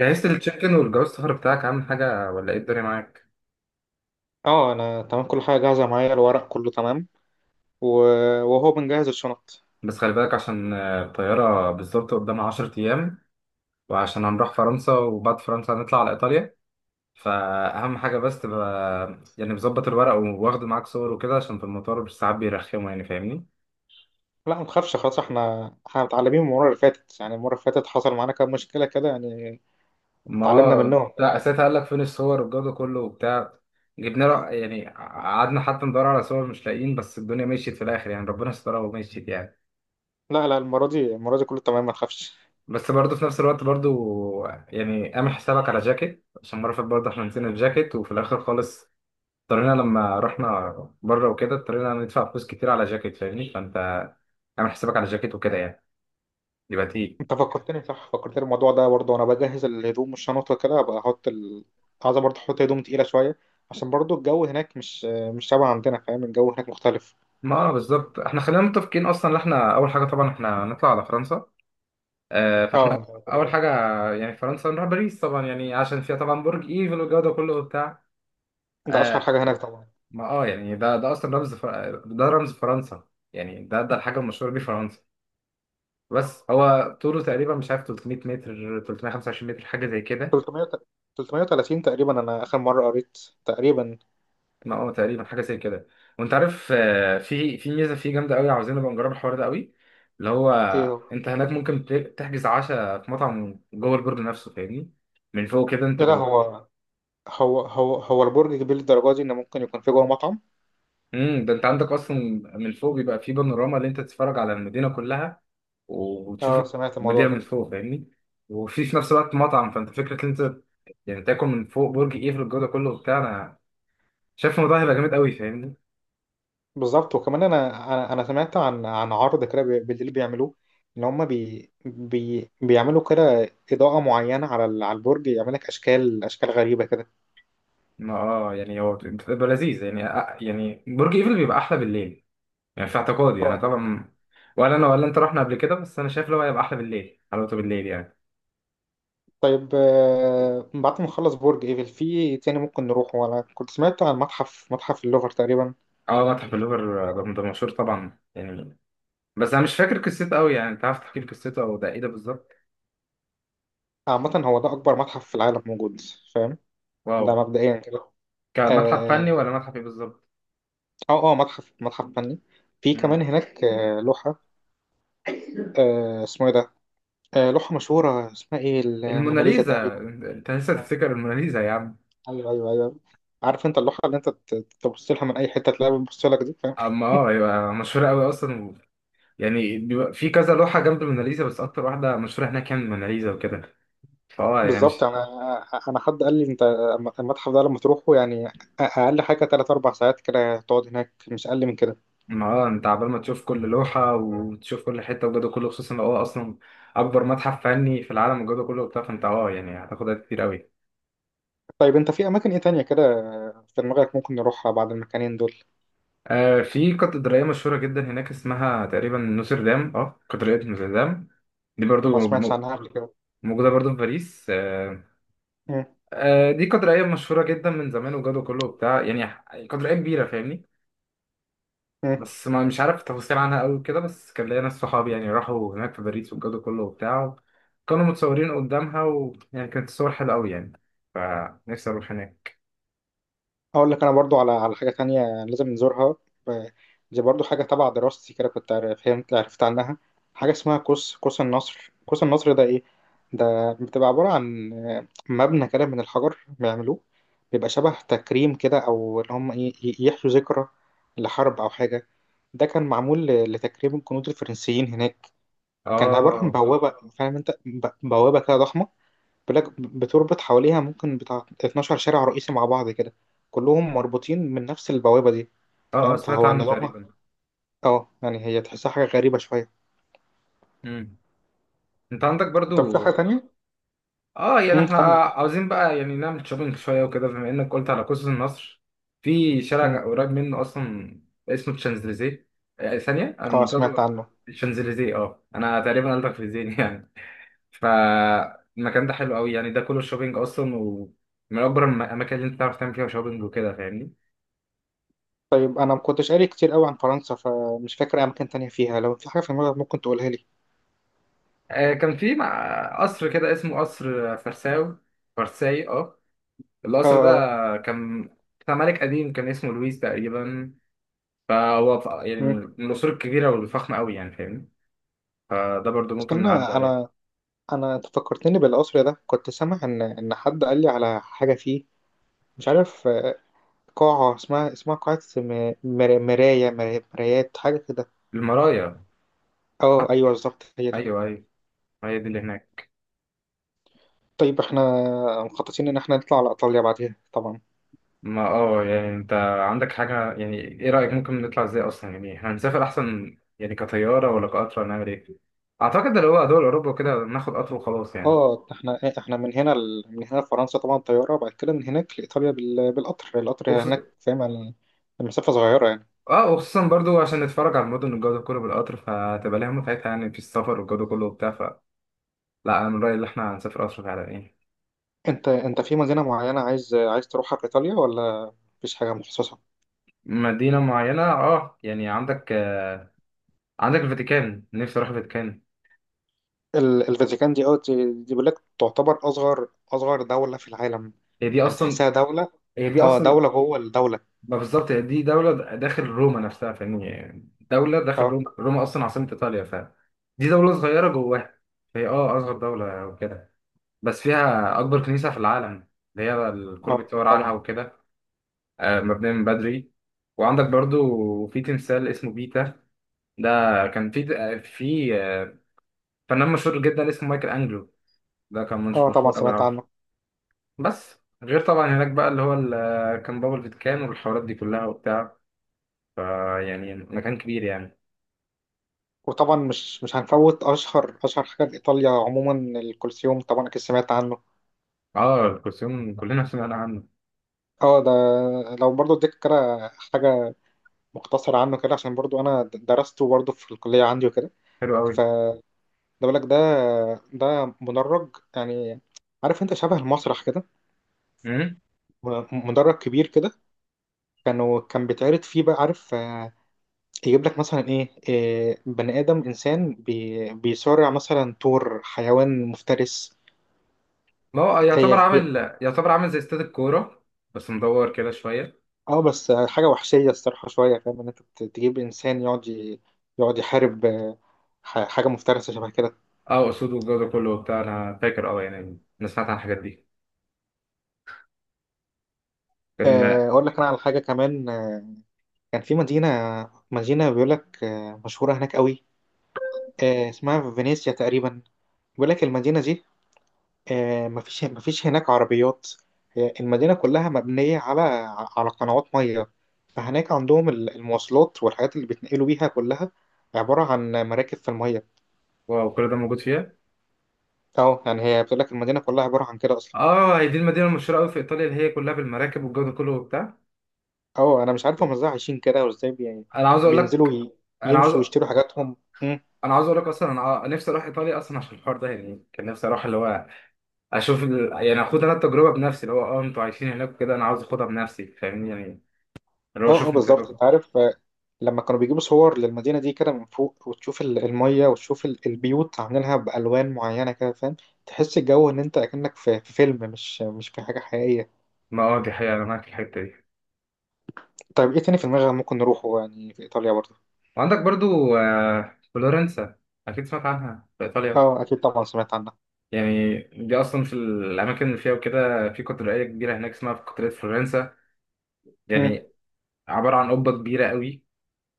جهزت التشيكن والجواز السفر بتاعك عامل حاجة ولا ايه الدنيا معاك؟ اه، انا تمام. كل حاجه جاهزه معايا، الورق كله تمام. وهو بنجهز الشنط. بس خلي بالك عشان الطيارة بالظبط قدامها عشر أيام، وعشان هنروح فرنسا وبعد فرنسا هنطلع على إيطاليا. فأهم حاجة بس تبقى يعني مظبط الورق وواخد معاك صور وكده، عشان في المطار مش ساعات بيرخموا، يعني فاهمني؟ لا، ما تخافش. خلاص، احنا متعلمين من المره اللي فاتت. يعني المره اللي فاتت حصل معانا كام مشكله كده يعني. ما اتعلمنا هو منهم. لا، ساعتها قال لك فين الصور والجو ده كله وبتاع. جبنا له، يعني قعدنا حتى ندور على صور مش لاقيين، بس الدنيا مشيت في الآخر يعني، ربنا سترها ومشيت يعني. لا لا، المره دي كله تمام، ما تخافش. بس برضه في نفس الوقت برضه، يعني اعمل حسابك على جاكيت، عشان مرة فاتت برضه احنا نسينا الجاكيت وفي الآخر خالص اضطرينا لما رحنا بره وكده اضطرينا ندفع فلوس كتير على جاكيت، فاهمني؟ فأنت اعمل حسابك على جاكيت وكده يعني، يبقى تقيل. انت فكرتني، صح فكرتني الموضوع ده برضه. وانا بجهز الهدوم والشنط وكده، ابقى احط عايز برضه احط هدوم تقيله شويه، عشان برضه الجو هناك مش شبه عندنا، فاهم؟ الجو هناك مختلف. ما آه بالظبط، احنا خلينا متفقين اصلا ان احنا اول حاجه طبعا احنا نطلع على فرنسا. آه فاحنا اه، كده اول كده حاجه يعني فرنسا، نروح باريس طبعا، يعني عشان فيها طبعا برج ايفل والجو ده كله وبتاع. ده اشهر آه. حاجه هناك طبعا. ما اه يعني ده ده اصلا رمز ده رمز فرنسا. يعني ده ده الحاجه المشهوره بيه فرنسا. بس هو طوله تقريبا مش عارف 300 متر، 325 متر، حاجه زي كده. 300 330 تقريبا، انا اخر مره قريت تقريبا. ما هو تقريبا حاجه زي كده. وانت عارف في ميزه فيه جامده قوي، عاوزين نبقى نجرب الحوار ده قوي. اللي هو ايه هو؟ انت هناك ممكن تحجز عشاء في مطعم جوه البرج نفسه، فاهمني؟ من فوق كده انت لا لا، تبقى. هو البرج كبير للدرجة دي ان ممكن يكون في جوه مطعم؟ امم، ده انت عندك اصلا من فوق بيبقى فيه بانوراما اللي انت تتفرج على المدينه كلها وتشوف اه، سمعت الموضوع المدينه من ده. فوق، فاهمني؟ وفي في نفس الوقت مطعم، فانت فكره ان انت يعني تاكل من فوق برج ايفل الجو ده كله وبتاع. شايف الموضوع هيبقى جامد قوي، فاهمني؟ بالظبط. وكمان انا سمعت عن عرض كده بالليل بيعملوه. ان هم بي بي بيعملوا كده اضاءة معينة على على البرج، يعمل لك اشكال اشكال غريبة كده. ما اه يعني هو بتبقى لذيذ يعني، يعني برج ايفل بيبقى احلى بالليل، يعني في اعتقادي اه انا أكيد. طبعا. ولا انا ولا انت رحنا قبل كده، بس انا شايف اللي هو هيبقى احلى بالليل، حلاوته بالليل يعني. طيب، بعد ما نخلص برج ايفل في تاني ممكن نروح. وانا كنت سمعت عن متحف اللوفر تقريبا. اه متحف اللوفر، ده ده مشهور طبعا يعني، بس انا مش فاكر قصته قوي يعني. انت عارف تحكي لي قصته، او ده ايه ده بالظبط؟ عامة هو ده اكبر متحف في العالم موجود، فاهم؟ واو. ده مبدئيا كده. كمتحف فني آه، ولا متحف ايه بالظبط؟ اه متحف فني. في مم. كمان هناك لوحة، اسمه ايه ده؟ لوحة مشهورة اسمها ايه؟ الموناليزا الموناليزا، تقريبا. انت لسه تفتكر الموناليزا يا عم؟ ايوه ايوه ايوه. عارف انت اللوحة اللي انت تبص لها من اي حتة تلاقيها بتبص لك دي، فاهم؟ اما اه يبقى مشهور قوي اصلا يعني، بيبقى في كذا لوحة جنب الموناليزا، بس أكتر واحدة مشهورة هناك يعني الموناليزا وكده، فأه يعني بالظبط. مش. انا انا حد قال لي انت المتحف ده لما تروحه يعني اقل حاجة 3 4 ساعات كده تقعد هناك، مش اقل من كده. ما اه أنت عبال ما تشوف كل لوحة وتشوف كل حتة وجوده كله، خصوصا لو هو أصلا أكبر متحف فني في العالم وجوده كله وبتاع، فأنت أه يعني هتاخد وقت كتير أوي. طيب انت في اماكن ايه تانية كده في دماغك ممكن نروحها بعد المكانين دول؟ آه في كاتدرائية مشهورة جدا هناك اسمها تقريبا نوتردام، أه كاتدرائية نوتردام. دي ما برضو سمعتش عنها قبل كده. موجودة برضو في باريس آه. مم. آه دي كاتدرائية مشهورة جدا من زمان وجوده كله وبتاع، يعني كاتدرائية كبيرة فاهمني. مم. بس ما مش عارف تفاصيل عنها قوي كده، بس كان ليا ناس صحابي يعني راحوا هناك في باريس والجو ده كله وبتاع، كانوا متصورين قدامها ويعني كانت الصور حلوة قوي يعني، فنفسي اروح هناك. هقول لك انا برضو على حاجه تانية لازم نزورها. ب- دي برضو حاجه تبع دراستي كده، كنت فهمت عرفت عنها حاجه اسمها قوس النصر. قوس النصر ده ايه؟ ده بتبقى عباره عن مبنى كده من الحجر بيعملوه، بيبقى شبه تكريم كده، او اللي هم ايه، يحيوا ذكرى لحرب او حاجه. ده كان معمول لتكريم الجنود الفرنسيين هناك. كان عباره عن اه. بوابه، اه فاهم انت، بوابه كده ضخمه، بلاك بتربط حواليها ممكن بتاع 12 شارع رئيسي مع بعض كده، كلهم مربوطين من نفس البوابة دي، اه. فاهم؟ سمعت فهو عنه نظامها تقريبا. اه، يعني هي تحسها حاجة غريبة شوية. مم. انت عندك طب في حاجة برضو. تانية؟ اه يعني احنا كمل. عاوزين بقى يعني نعمل شوبينج شوية وكده، بما انك قلت على قوس النصر. في امم شارع قريب منه اصلا اسمه الشانزليزيه. ثانية اه، انا. سمعت عنه. الشانزليزيه، اه انا تقريبا قلتك في ذهني. فالمكان ده حلو قوي يعني، ده كله شوبينج اصلا، ومن اكبر الاماكن اللي انت تعرف تعمل فيها شوبينج وكده، فاهمني؟ طيب انا ما كنتش قاري كتير قوي عن فرنسا، فمش فاكر اماكن تانية فيها. لو في حاجة في دماغك ممكن تقولها لي. آه كان في مع قصر كده اسمه قصر فرساو، فرساي اه. اه القصر ده اه. كان بتاع ملك قديم، كان اسمه لويس تقريبا. فهو يعني مم. من القصور الكبيرة والفخمة قوي يعني، فاهمني؟ فده برضو ممكن استنى، نعدي عليه. انا انا أنت فكرتني بالقصر ده. كنت سامع ان حد قال لي على حاجة فيه مش عارف، قاعة اسمها اسمها قاعة مرايات حاجة كده. المرايا. اه آه، ايوه، بالظبط هي دي. ايوه ايوه، هي دي اللي هناك. طيب احنا مخططين ان احنا نطلع على ايطاليا بعديها طبعا. ما اه يعني انت عندك حاجة، يعني ايه رأيك ممكن نطلع ازاي اصلا؟ يعني احنا هنسافر احسن يعني كطيارة ولا كقطر، ولا نعمل ايه؟ اعتقد اللي هو دول اوروبا وكده، ناخد قطر وخلاص يعني. اه احنا احنا من هنا لفرنسا طبعا طياره، بعد كده من هناك لايطاليا بالقطر، القطر وخصوصا. هناك فاهم، المسافه صغيره يعني. اه وخصوصا برضو عشان نتفرج على المدن والجو ده كله بالقطر، فهتبقى لها متعتها يعني في السفر والجو ده كله وبتاع، فلا انا من رأيي ان احنا هنسافر قطر فعلا يعني. انت في مدينه معينه عايز تروحها في ايطاليا، ولا مفيش حاجه مخصصه؟ مدينة معينة، اه يعني عندك آه، عندك الفاتيكان، نفسي اروح الفاتيكان. الفاتيكان دي، اه دي بيقول لك تعتبر اصغر دوله في العالم. هي دي يعني اصلا. تحسها دوله. هي دي اه، اصلا. دوله جوه الدوله. ما بالظبط، هي دي دولة داخل روما نفسها، فاهمني؟ يعني دولة داخل اه روما، روما أصلا عاصمة إيطاليا، فدي دولة صغيرة جواها. هي اه أصغر دولة وكده، بس فيها أكبر كنيسة في العالم، اللي هي الكل اه، بيتصور عنها طبعا. وكده. مبنية من بدري. وعندك برضو في تمثال اسمه بيتا. ده كان في فنان مشهور جدا اسمه مايكل أنجلو. ده كان مش اه طبعا مشهور أوي سمعت عنه. عنه. بس غير طبعا هناك بقى اللي هو كان بابل فيتكان والحوارات دي كلها وبتاع، يعني مكان كبير يعني. وطبعا مش هنفوت اشهر حاجه لايطاليا عموما، الكولسيوم. طبعا اكيد سمعت عنه. اه الكوسيون كلنا سمعنا عنه. اه ده، لو برضو اديك كده حاجه مختصره عنه كده عشان برضو انا درسته برضو في الكليه عندي وكده. حلو قوي. فده، بقول لك ده مدرج يعني، عارف انت شبه المسرح كده. امم. مدرج كبير كده، كان بيتعرض فيه بقى، عارف يجيب لك مثلا ايه، بني ادم، انسان بي بيصارع مثلا طور حيوان مفترس. ما هو هي يعتبر هي. عامل، يعتبر عامل زي استاد الكوره، بس مدور كده شويه. اه بس حاجة وحشية الصراحة شوية، فاهم ان انت تجيب انسان يقعد يقعد يحارب حاجة مفترسة شبه كده. اه اسود والجو ده كله وبتاع، انا فاكر اه يعني انا سمعت عن الحاجات دي. كان. اقول لك انا على حاجة كمان. كان في مدينة بيقول لك مشهورة هناك قوي، اسمها فينيسيا تقريبا. بيقول لك المدينة دي مفيش هناك عربيات، هي المدينة كلها مبنية على قنوات مية. فهناك عندهم المواصلات والحاجات اللي بيتنقلوا بيها كلها عبارة عن مراكب في المية. واو، كل ده موجود فيها؟ اه يعني هي بتقول لك المدينة كلها عبارة عن كده اصلا. اه هي دي المدينه المشهوره قوي في ايطاليا، اللي هي كلها بالمراكب والجو ده كله وبتاع. اه انا مش عارف هم ازاي عايشين كده، وازاي يعني انا عاوز اقول بينزلوا لك، ي... انا عاوز يمشوا ويشتروا حاجاتهم. مم. انا عاوز اقول لك اصلا، انا نفسي اروح ايطاليا اصلا عشان الحوار ده يعني، كان نفسي اروح اللي هو اشوف يعني اخد انا التجربه بنفسي اللي هو اه انتوا عايشين هناك وكده، انا عاوز اخدها بنفسي، فاهمني يعني؟ اللي هو اه اه، شوفني. بالظبط انت عارف، لما كانوا بيجيبوا صور للمدينة دي كده من فوق وتشوف المية وتشوف البيوت عاملينها بألوان معينة كده، فاهم؟ تحس الجو ان انت اكنك في فيلم، مش في حاجة حقيقية. ما اه دي حقيقة، أنا معاك في الحتة دي. طيب ايه تاني في دماغك ممكن نروحه يعني في ايطاليا برضه؟ وعندك برضو فلورنسا، أكيد سمعت عنها في إيطاليا اه اكيد طبعا سمعت عنها. يعني. دي أصلا في الأماكن اللي فيها وكده، في كاتدرائية كبيرة هناك اسمها كاتدرائية فلورنسا مم. يعني، عبارة عن قبة كبيرة قوي.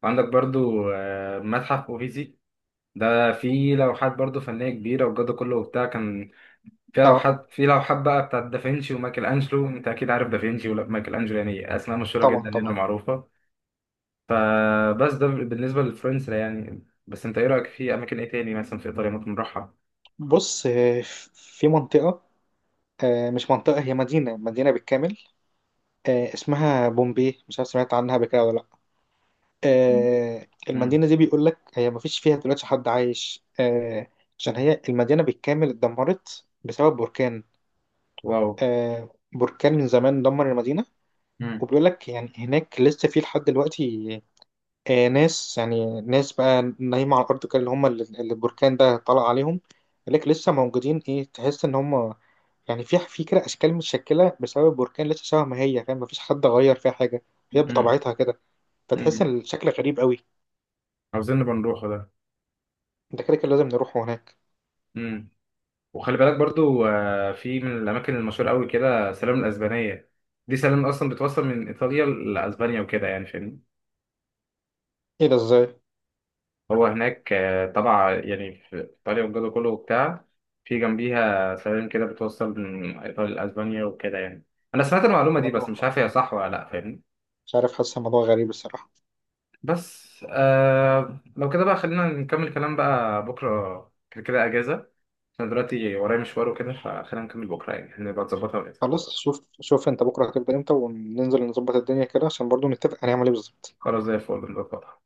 وعندك برضو متحف أوفيزي، ده فيه لوحات برضو فنية كبيرة والجو ده كله وبتاع، كان فيها اه لوحات، في لوحات بقى بتاعت دافنشي ومايكل أنجلو. أنت أكيد عارف دافنشي ومايكل أنجلو، يعني أسماء مشهورة طبعا جدا هنا طبعا. معروفة. فبس ده بالنسبة لفلورنسا يعني، بس انت ايه رأيك في اماكن ايه تاني مثلا في ايطاليا ممكن نروحها؟ بص، في منطقة، مش منطقة، هي مدينة بالكامل، اسمها بومبي، مش عارف سمعت عنها قبل كده ولا لا. امم. المدينة دي بيقول لك هي مفيش فيها دلوقتي حد عايش، عشان هي المدينة بالكامل اتدمرت بسبب بركان. واو. بركان من زمان دمر المدينة. امم. وبيقول لك يعني هناك لسه في لحد دلوقتي ناس، يعني ناس بقى نايمة على الأرض كده، اللي هم اللي البركان ده طلع عليهم. بيقول لك لسه موجودين، إيه تحس إن هم يعني في كده أشكال متشكلة بسبب بركان، لسه شبه ما هي، فاهم؟ مفيش حد غير فيها حاجة، هي امم. بطبيعتها كده. فتحس امم. ان الشكل غريب قوي. عاوزين نبقى نروحه ده. ده كده كده لازم نروح هناك. امم. وخلي بالك برضو في من الاماكن المشهورة قوي كده سلام الاسبانية. دي سلام اصلا بتوصل من ايطاليا لاسبانيا وكده يعني، فاهمني؟ ايه ده، ازاي؟ هو هناك طبعا يعني في ايطاليا والجو ده كله وبتاع، في جنبيها سلام كده بتوصل من ايطاليا لاسبانيا وكده يعني. انا سمعت المعلومة دي، بس مش عارف الموضوع، هي صح ولا لا، فاهمني؟ مش عارف، حاسس الموضوع غريب الصراحه. بس آه لو كده بقى، خلينا نكمل كلام بقى بكرة، كده كده أجازة، عشان دلوقتي ورايا مشوار وكده، فخلينا نكمل بكرة يعني نبقى نظبطها وكده. خلاص، شوف شوف انت بكره هتبدا امتى وننزل نظبط الدنيا كده، عشان برضو نتفق هنعمل ايه بالظبط. خلاص زي الفل، نظبطها.